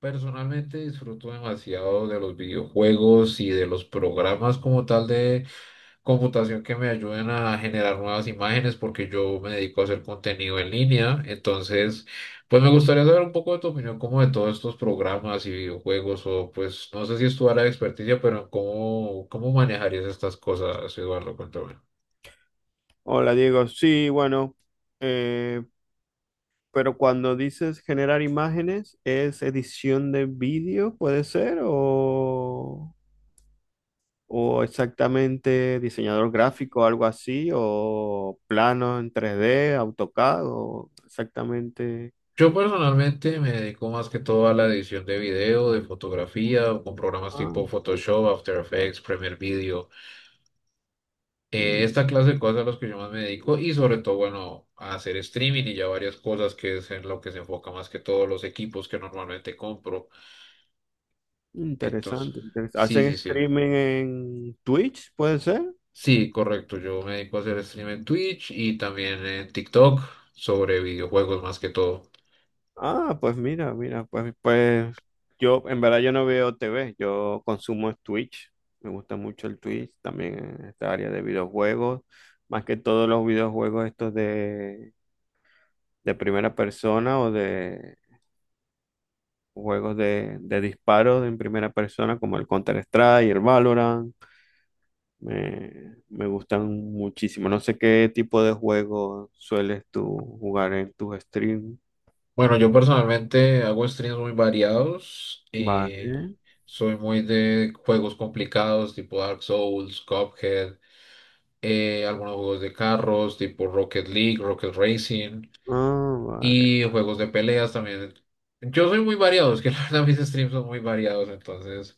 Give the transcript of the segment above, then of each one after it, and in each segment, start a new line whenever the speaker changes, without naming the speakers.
Personalmente disfruto demasiado de los videojuegos y de los programas como tal de computación que me ayuden a generar nuevas imágenes porque yo me dedico a hacer contenido en línea. Entonces, pues me gustaría saber un poco de tu opinión como de todos estos programas y videojuegos o pues no sé si es tu área de experticia, pero cómo manejarías estas cosas, Eduardo, cuéntame.
Hola Diego, sí, bueno, eh, pero cuando dices generar imágenes, ¿es edición de vídeo, puede ser? O exactamente diseñador gráfico, algo así? ¿O plano en 3D AutoCAD? ¿O exactamente?
Yo personalmente me dedico más que todo a la edición de video, de fotografía, con programas tipo
Ah,
Photoshop, After Effects, Premiere Video.
mm,
Esta clase de cosas a las que yo más me dedico y sobre todo, bueno, a hacer streaming y ya varias cosas que es en lo que se enfoca más que todos los equipos que normalmente compro. Entonces,
interesante.
sí,
¿Hacen
sí, sí.
streaming en Twitch, puede ser?
Sí, correcto. Yo me dedico a hacer stream en Twitch y también en TikTok sobre videojuegos más que todo.
Ah, pues mira, pues, yo en verdad yo no veo TV, yo consumo es Twitch. Me gusta mucho el Twitch, también en esta área de videojuegos, más que todos los videojuegos estos de primera persona o de juegos de disparos en primera persona como el Counter-Strike, el Valorant, me gustan muchísimo. No sé qué tipo de juegos sueles tú jugar en tus streams.
Bueno, yo personalmente hago streams muy variados.
Vale.
Soy muy de juegos complicados tipo Dark Souls, Cuphead, algunos juegos de carros tipo Rocket League, Rocket Racing.
Ah, vale.
Y juegos de peleas también. Yo soy muy variado, es que la verdad mis streams son muy variados, entonces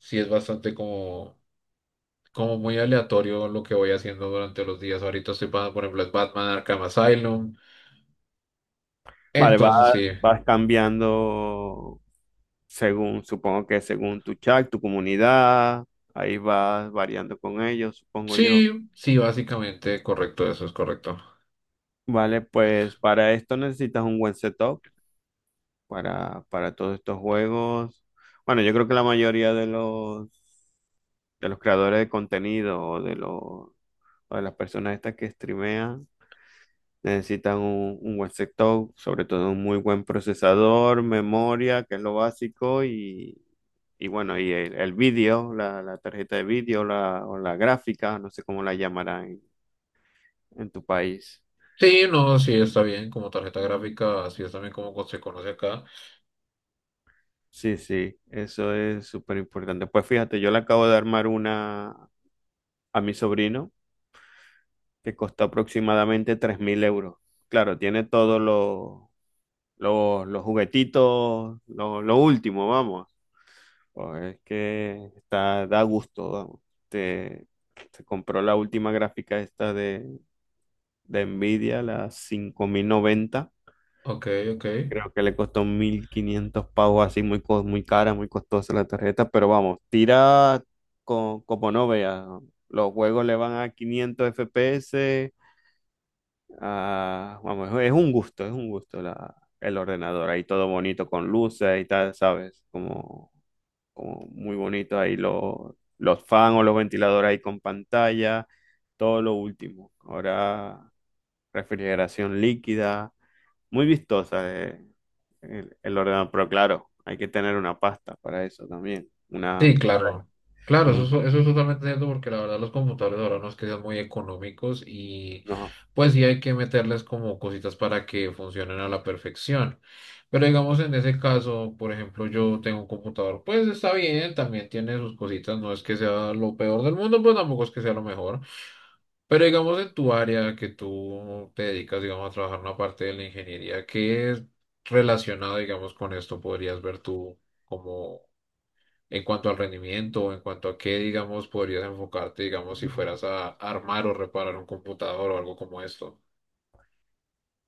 sí es bastante como muy aleatorio lo que voy haciendo durante los días. Ahorita estoy pasando, por ejemplo, es Batman Arkham Asylum.
Vale, vas,
Entonces sí,
vas cambiando según, supongo que según tu chat, tu comunidad, ahí vas variando con ellos, supongo yo.
sí, sí, básicamente correcto, eso es correcto.
Vale, pues para esto necesitas un buen setup para todos estos juegos. Bueno, yo creo que la mayoría de los creadores de contenido o de las personas estas que streamean necesitan un buen sector, sobre todo un muy buen procesador, memoria, que es lo básico, y bueno, y el vídeo, la tarjeta de vídeo la, o la gráfica, no sé cómo la llamarán en tu país.
Sí, no, sí está bien como tarjeta gráfica, así es también como se conoce acá.
Sí, sí, eso es súper importante. Pues fíjate, yo le acabo de armar una a mi sobrino que costó aproximadamente 3.000 euros. Claro, tiene todos los juguetitos, lo último, vamos. Pues es que está, da gusto, vamos. Te, te compró la última gráfica esta de Nvidia, la 5090.
Ok, ok.
Creo que le costó 1500 pavos, así muy, muy cara, muy costosa la tarjeta, pero vamos, tira como no veas. Los juegos le van a 500 FPS. Vamos, es un gusto la, el ordenador, ahí todo bonito con luces y tal, ¿sabes? Como muy bonito ahí los fans o los ventiladores ahí con pantalla, todo lo último. Ahora refrigeración líquida, muy vistosa el ordenador, pero claro, hay que tener una pasta para eso también, una
Sí, claro. Claro,
un-
eso es totalmente cierto porque la verdad los computadores ahora nos quedan muy económicos y
no.
pues sí hay que meterles como cositas para que funcionen a la perfección. Pero digamos en ese caso, por ejemplo, yo tengo un computador, pues está bien, también tiene sus cositas, no es que sea lo peor del mundo, pues tampoco es que sea lo mejor. Pero digamos en tu área que tú te dedicas, digamos, a trabajar una parte de la ingeniería, ¿qué es relacionado, digamos, con esto podrías ver tú como en cuanto al rendimiento en cuanto a qué, digamos, podrías enfocarte, digamos, si fueras a armar o reparar un computador o algo como esto?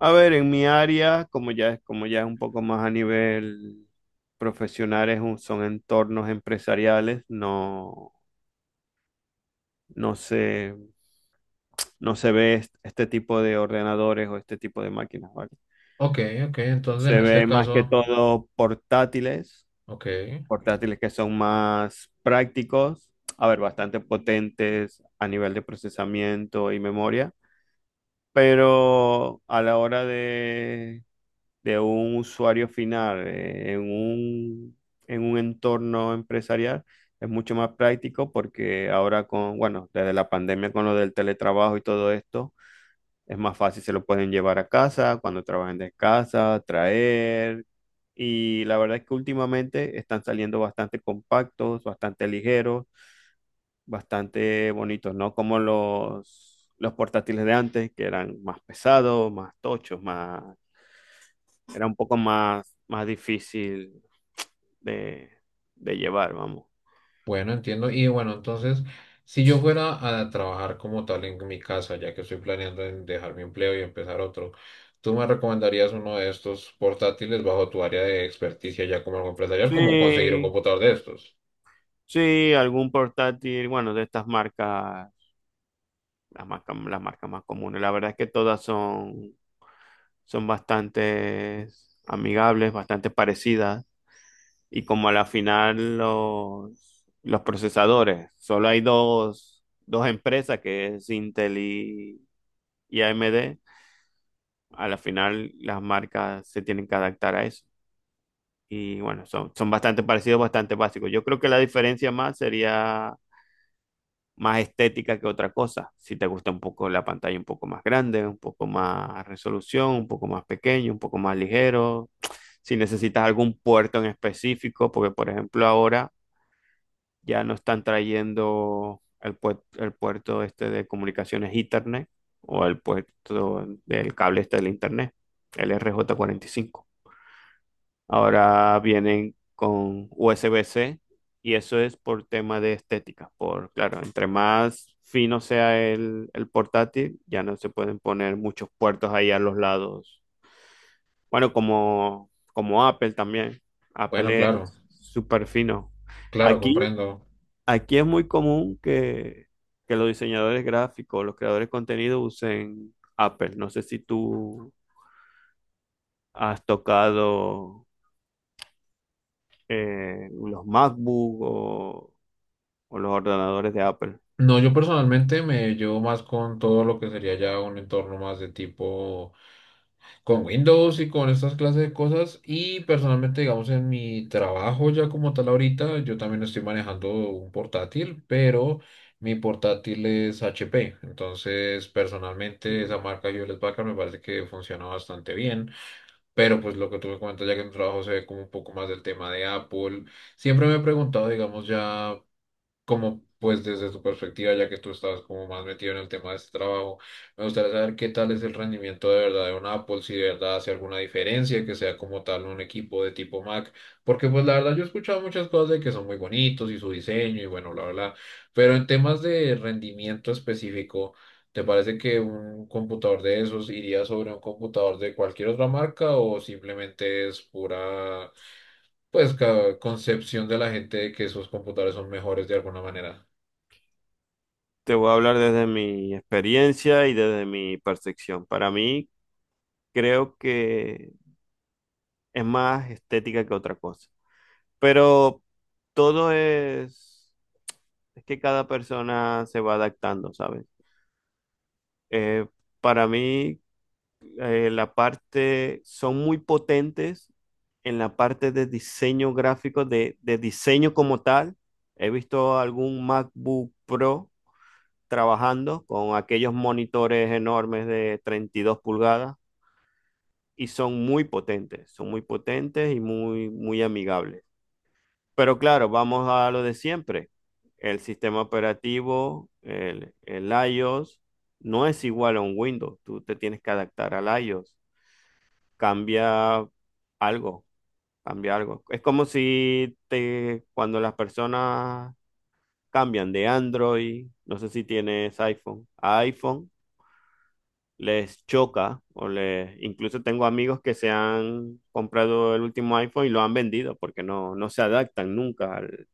A ver, en mi área, como ya es un poco más a nivel profesional, son entornos empresariales, no se, no se ve este tipo de ordenadores o este tipo de máquinas, ¿vale?
Ok, ok, entonces en
Se
este
ve más que
caso,
todo portátiles,
ok,
portátiles que son más prácticos. A ver, bastante potentes a nivel de procesamiento y memoria, pero a la hora de un usuario final en un entorno empresarial es mucho más práctico porque ahora con, bueno, desde la pandemia con lo del teletrabajo y todo esto, es más fácil, se lo pueden llevar a casa, cuando trabajen de casa, traer. Y la verdad es que últimamente están saliendo bastante compactos, bastante ligeros, bastante bonitos, no como los portátiles de antes, que eran más pesados, más tochos, más, era un poco más, más difícil de, de llevar, vamos.
bueno, entiendo. Y bueno, entonces, si yo
Sí.
fuera a trabajar como tal en mi casa, ya que estoy planeando en dejar mi empleo y empezar otro, ¿tú me recomendarías uno de estos portátiles bajo tu área de experticia ya como algo empresarial, como conseguir un
Sí,
computador de estos?
sí, algún portátil, bueno, de estas marcas, las marcas más comunes. La verdad es que todas son, son bastante amigables, bastante parecidas. Y como a la final los procesadores, solo hay dos empresas que es Intel y AMD, a la final las marcas se tienen que adaptar a eso. Y bueno, son, son bastante parecidos, bastante básicos. Yo creo que la diferencia más sería más estética que otra cosa. Si te gusta un poco la pantalla un poco más grande, un poco más resolución, un poco más pequeño, un poco más ligero. Si necesitas algún puerto en específico, porque por ejemplo ahora ya no están trayendo el, el puerto este de comunicaciones Ethernet o el puerto del cable este del Internet, el RJ45. Ahora vienen con USB-C y eso es por tema de estética, por claro, entre más fino sea el portátil, ya no se pueden poner muchos puertos ahí a los lados. Bueno, como, como Apple también.
Bueno,
Apple
claro,
es súper fino.
claro,
Aquí
comprendo.
Aquí es muy común que los diseñadores gráficos, los creadores de contenido usen Apple. No sé si tú has tocado los MacBook o los ordenadores de Apple.
No, yo personalmente me llevo más con todo lo que sería ya un entorno más de tipo con Windows y con estas clases de cosas. Y personalmente, digamos, en mi trabajo ya como tal ahorita, yo también estoy manejando un portátil, pero mi portátil es HP. Entonces, personalmente, esa
Ujú.
marca Hewlett Packard me parece que funciona bastante bien. Pero pues lo que tú me comentas ya que en tu trabajo se ve como un poco más del tema de Apple. Siempre me he preguntado, digamos, ya como pues desde tu perspectiva, ya que tú estabas como más metido en el tema de este trabajo, me gustaría saber qué tal es el rendimiento de verdad de un Apple, si de verdad hace alguna diferencia, que sea como tal un equipo de tipo Mac, porque pues la verdad yo he escuchado muchas cosas de que son muy bonitos y su diseño y bueno, bla, bla, bla, pero en temas de rendimiento específico, ¿te parece que un computador de esos iría sobre un computador de cualquier otra marca o simplemente es pura, pues, ca- concepción de la gente de que esos computadores son mejores de alguna manera?
Te voy a hablar desde mi experiencia y desde mi percepción. Para mí, creo que es más estética que otra cosa. Pero todo es que cada persona se va adaptando, ¿sabes? Eh, para mí la parte, son muy potentes en la parte de diseño gráfico, de diseño como tal. He visto algún MacBook Pro trabajando con aquellos monitores enormes de 32 pulgadas y son muy potentes y muy, muy amigables. Pero claro, vamos a lo de siempre. El sistema operativo, el iOS, no es igual a un Windows. Tú te tienes que adaptar al iOS. cambia algo, cambia algo. Es como si te, cuando las personas cambian de Android, no sé si tienes iPhone, a iPhone les choca o les, incluso tengo amigos que se han comprado el último iPhone y lo han vendido porque no, no se adaptan nunca al,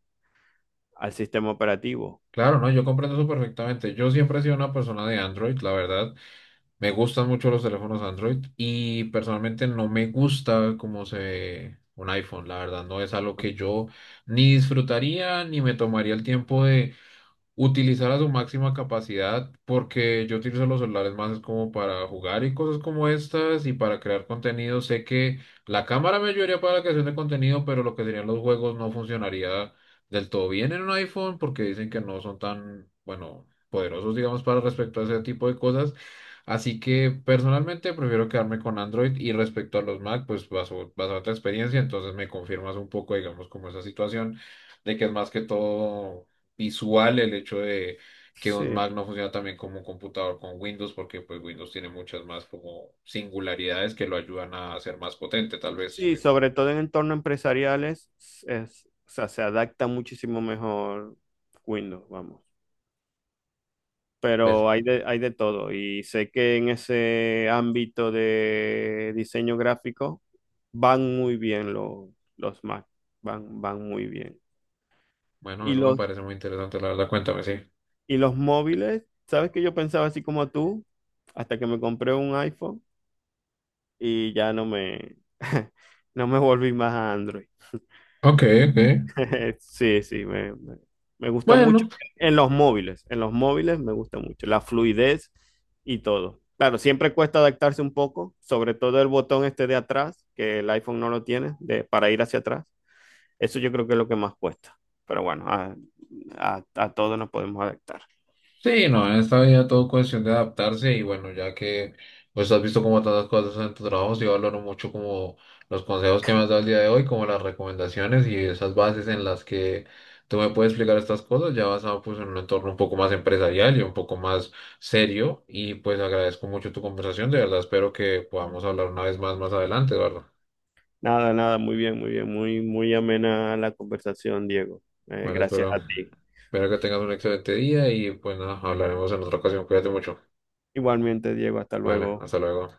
al sistema operativo.
Claro, no, yo comprendo eso perfectamente. Yo siempre he sido una persona de Android, la verdad. Me gustan mucho los teléfonos Android y personalmente no me gusta cómo se ve un iPhone, la verdad. No es algo que yo ni disfrutaría ni me tomaría el tiempo utilizar a su máxima capacidad, porque yo utilizo los celulares más es como para jugar y cosas como estas y para crear contenido. Sé que la cámara me ayudaría para la creación de contenido, pero lo que serían los juegos no funcionaría del todo bien en un iPhone porque dicen que no son tan, bueno, poderosos, digamos, para respecto a ese tipo de cosas. Así que personalmente prefiero quedarme con Android y respecto a los Mac, pues baso, basado en tu experiencia, entonces me confirmas un poco, digamos, como esa situación de que es más que todo visual el hecho de que un
Sí.
Mac no funciona también como un computador con Windows, porque pues Windows tiene muchas más como singularidades que lo ayudan a ser más potente, tal vez.
Sí, sobre todo en entornos empresariales, es, o sea, se adapta muchísimo mejor Windows, vamos.
Pues
Pero hay de todo. Y sé que en ese ámbito de diseño gráfico van muy bien los Mac, van, van muy bien.
bueno,
Y
eso me
los,
parece muy interesante, la verdad, cuéntame, sí.
y los móviles, ¿sabes que yo pensaba así como tú? Hasta que me compré un iPhone y ya no me, no me volví más a Android.
Ok, ok.
Sí, sí, me gusta mucho.
Bueno.
En los móviles me gusta mucho la fluidez y todo. Claro, siempre cuesta adaptarse un poco, sobre todo el botón este de atrás, que el iPhone no lo tiene, de, para ir hacia atrás. Eso yo creo que es lo que más cuesta. Pero bueno, a todos nos podemos adaptar.
Sí, no, en esta vida todo cuestión de adaptarse y bueno, ya que pues has visto como tantas cosas en tu trabajo, sí valoro mucho como los consejos que me has dado el día de hoy, como las recomendaciones y esas bases en las que tú me puedes explicar estas cosas, ya basado pues en un entorno un poco más empresarial y un poco más serio y pues agradezco mucho tu conversación, de verdad espero que podamos hablar una vez más más adelante, Eduardo.
Nada, nada, muy bien, muy bien, muy, muy amena la conversación, Diego.
Vale,
Gracias
espero,
a ti.
espero que tengas un excelente día y pues nada, hablaremos en otra ocasión, cuídate mucho.
Igualmente, Diego, hasta
Vale,
luego.
hasta luego.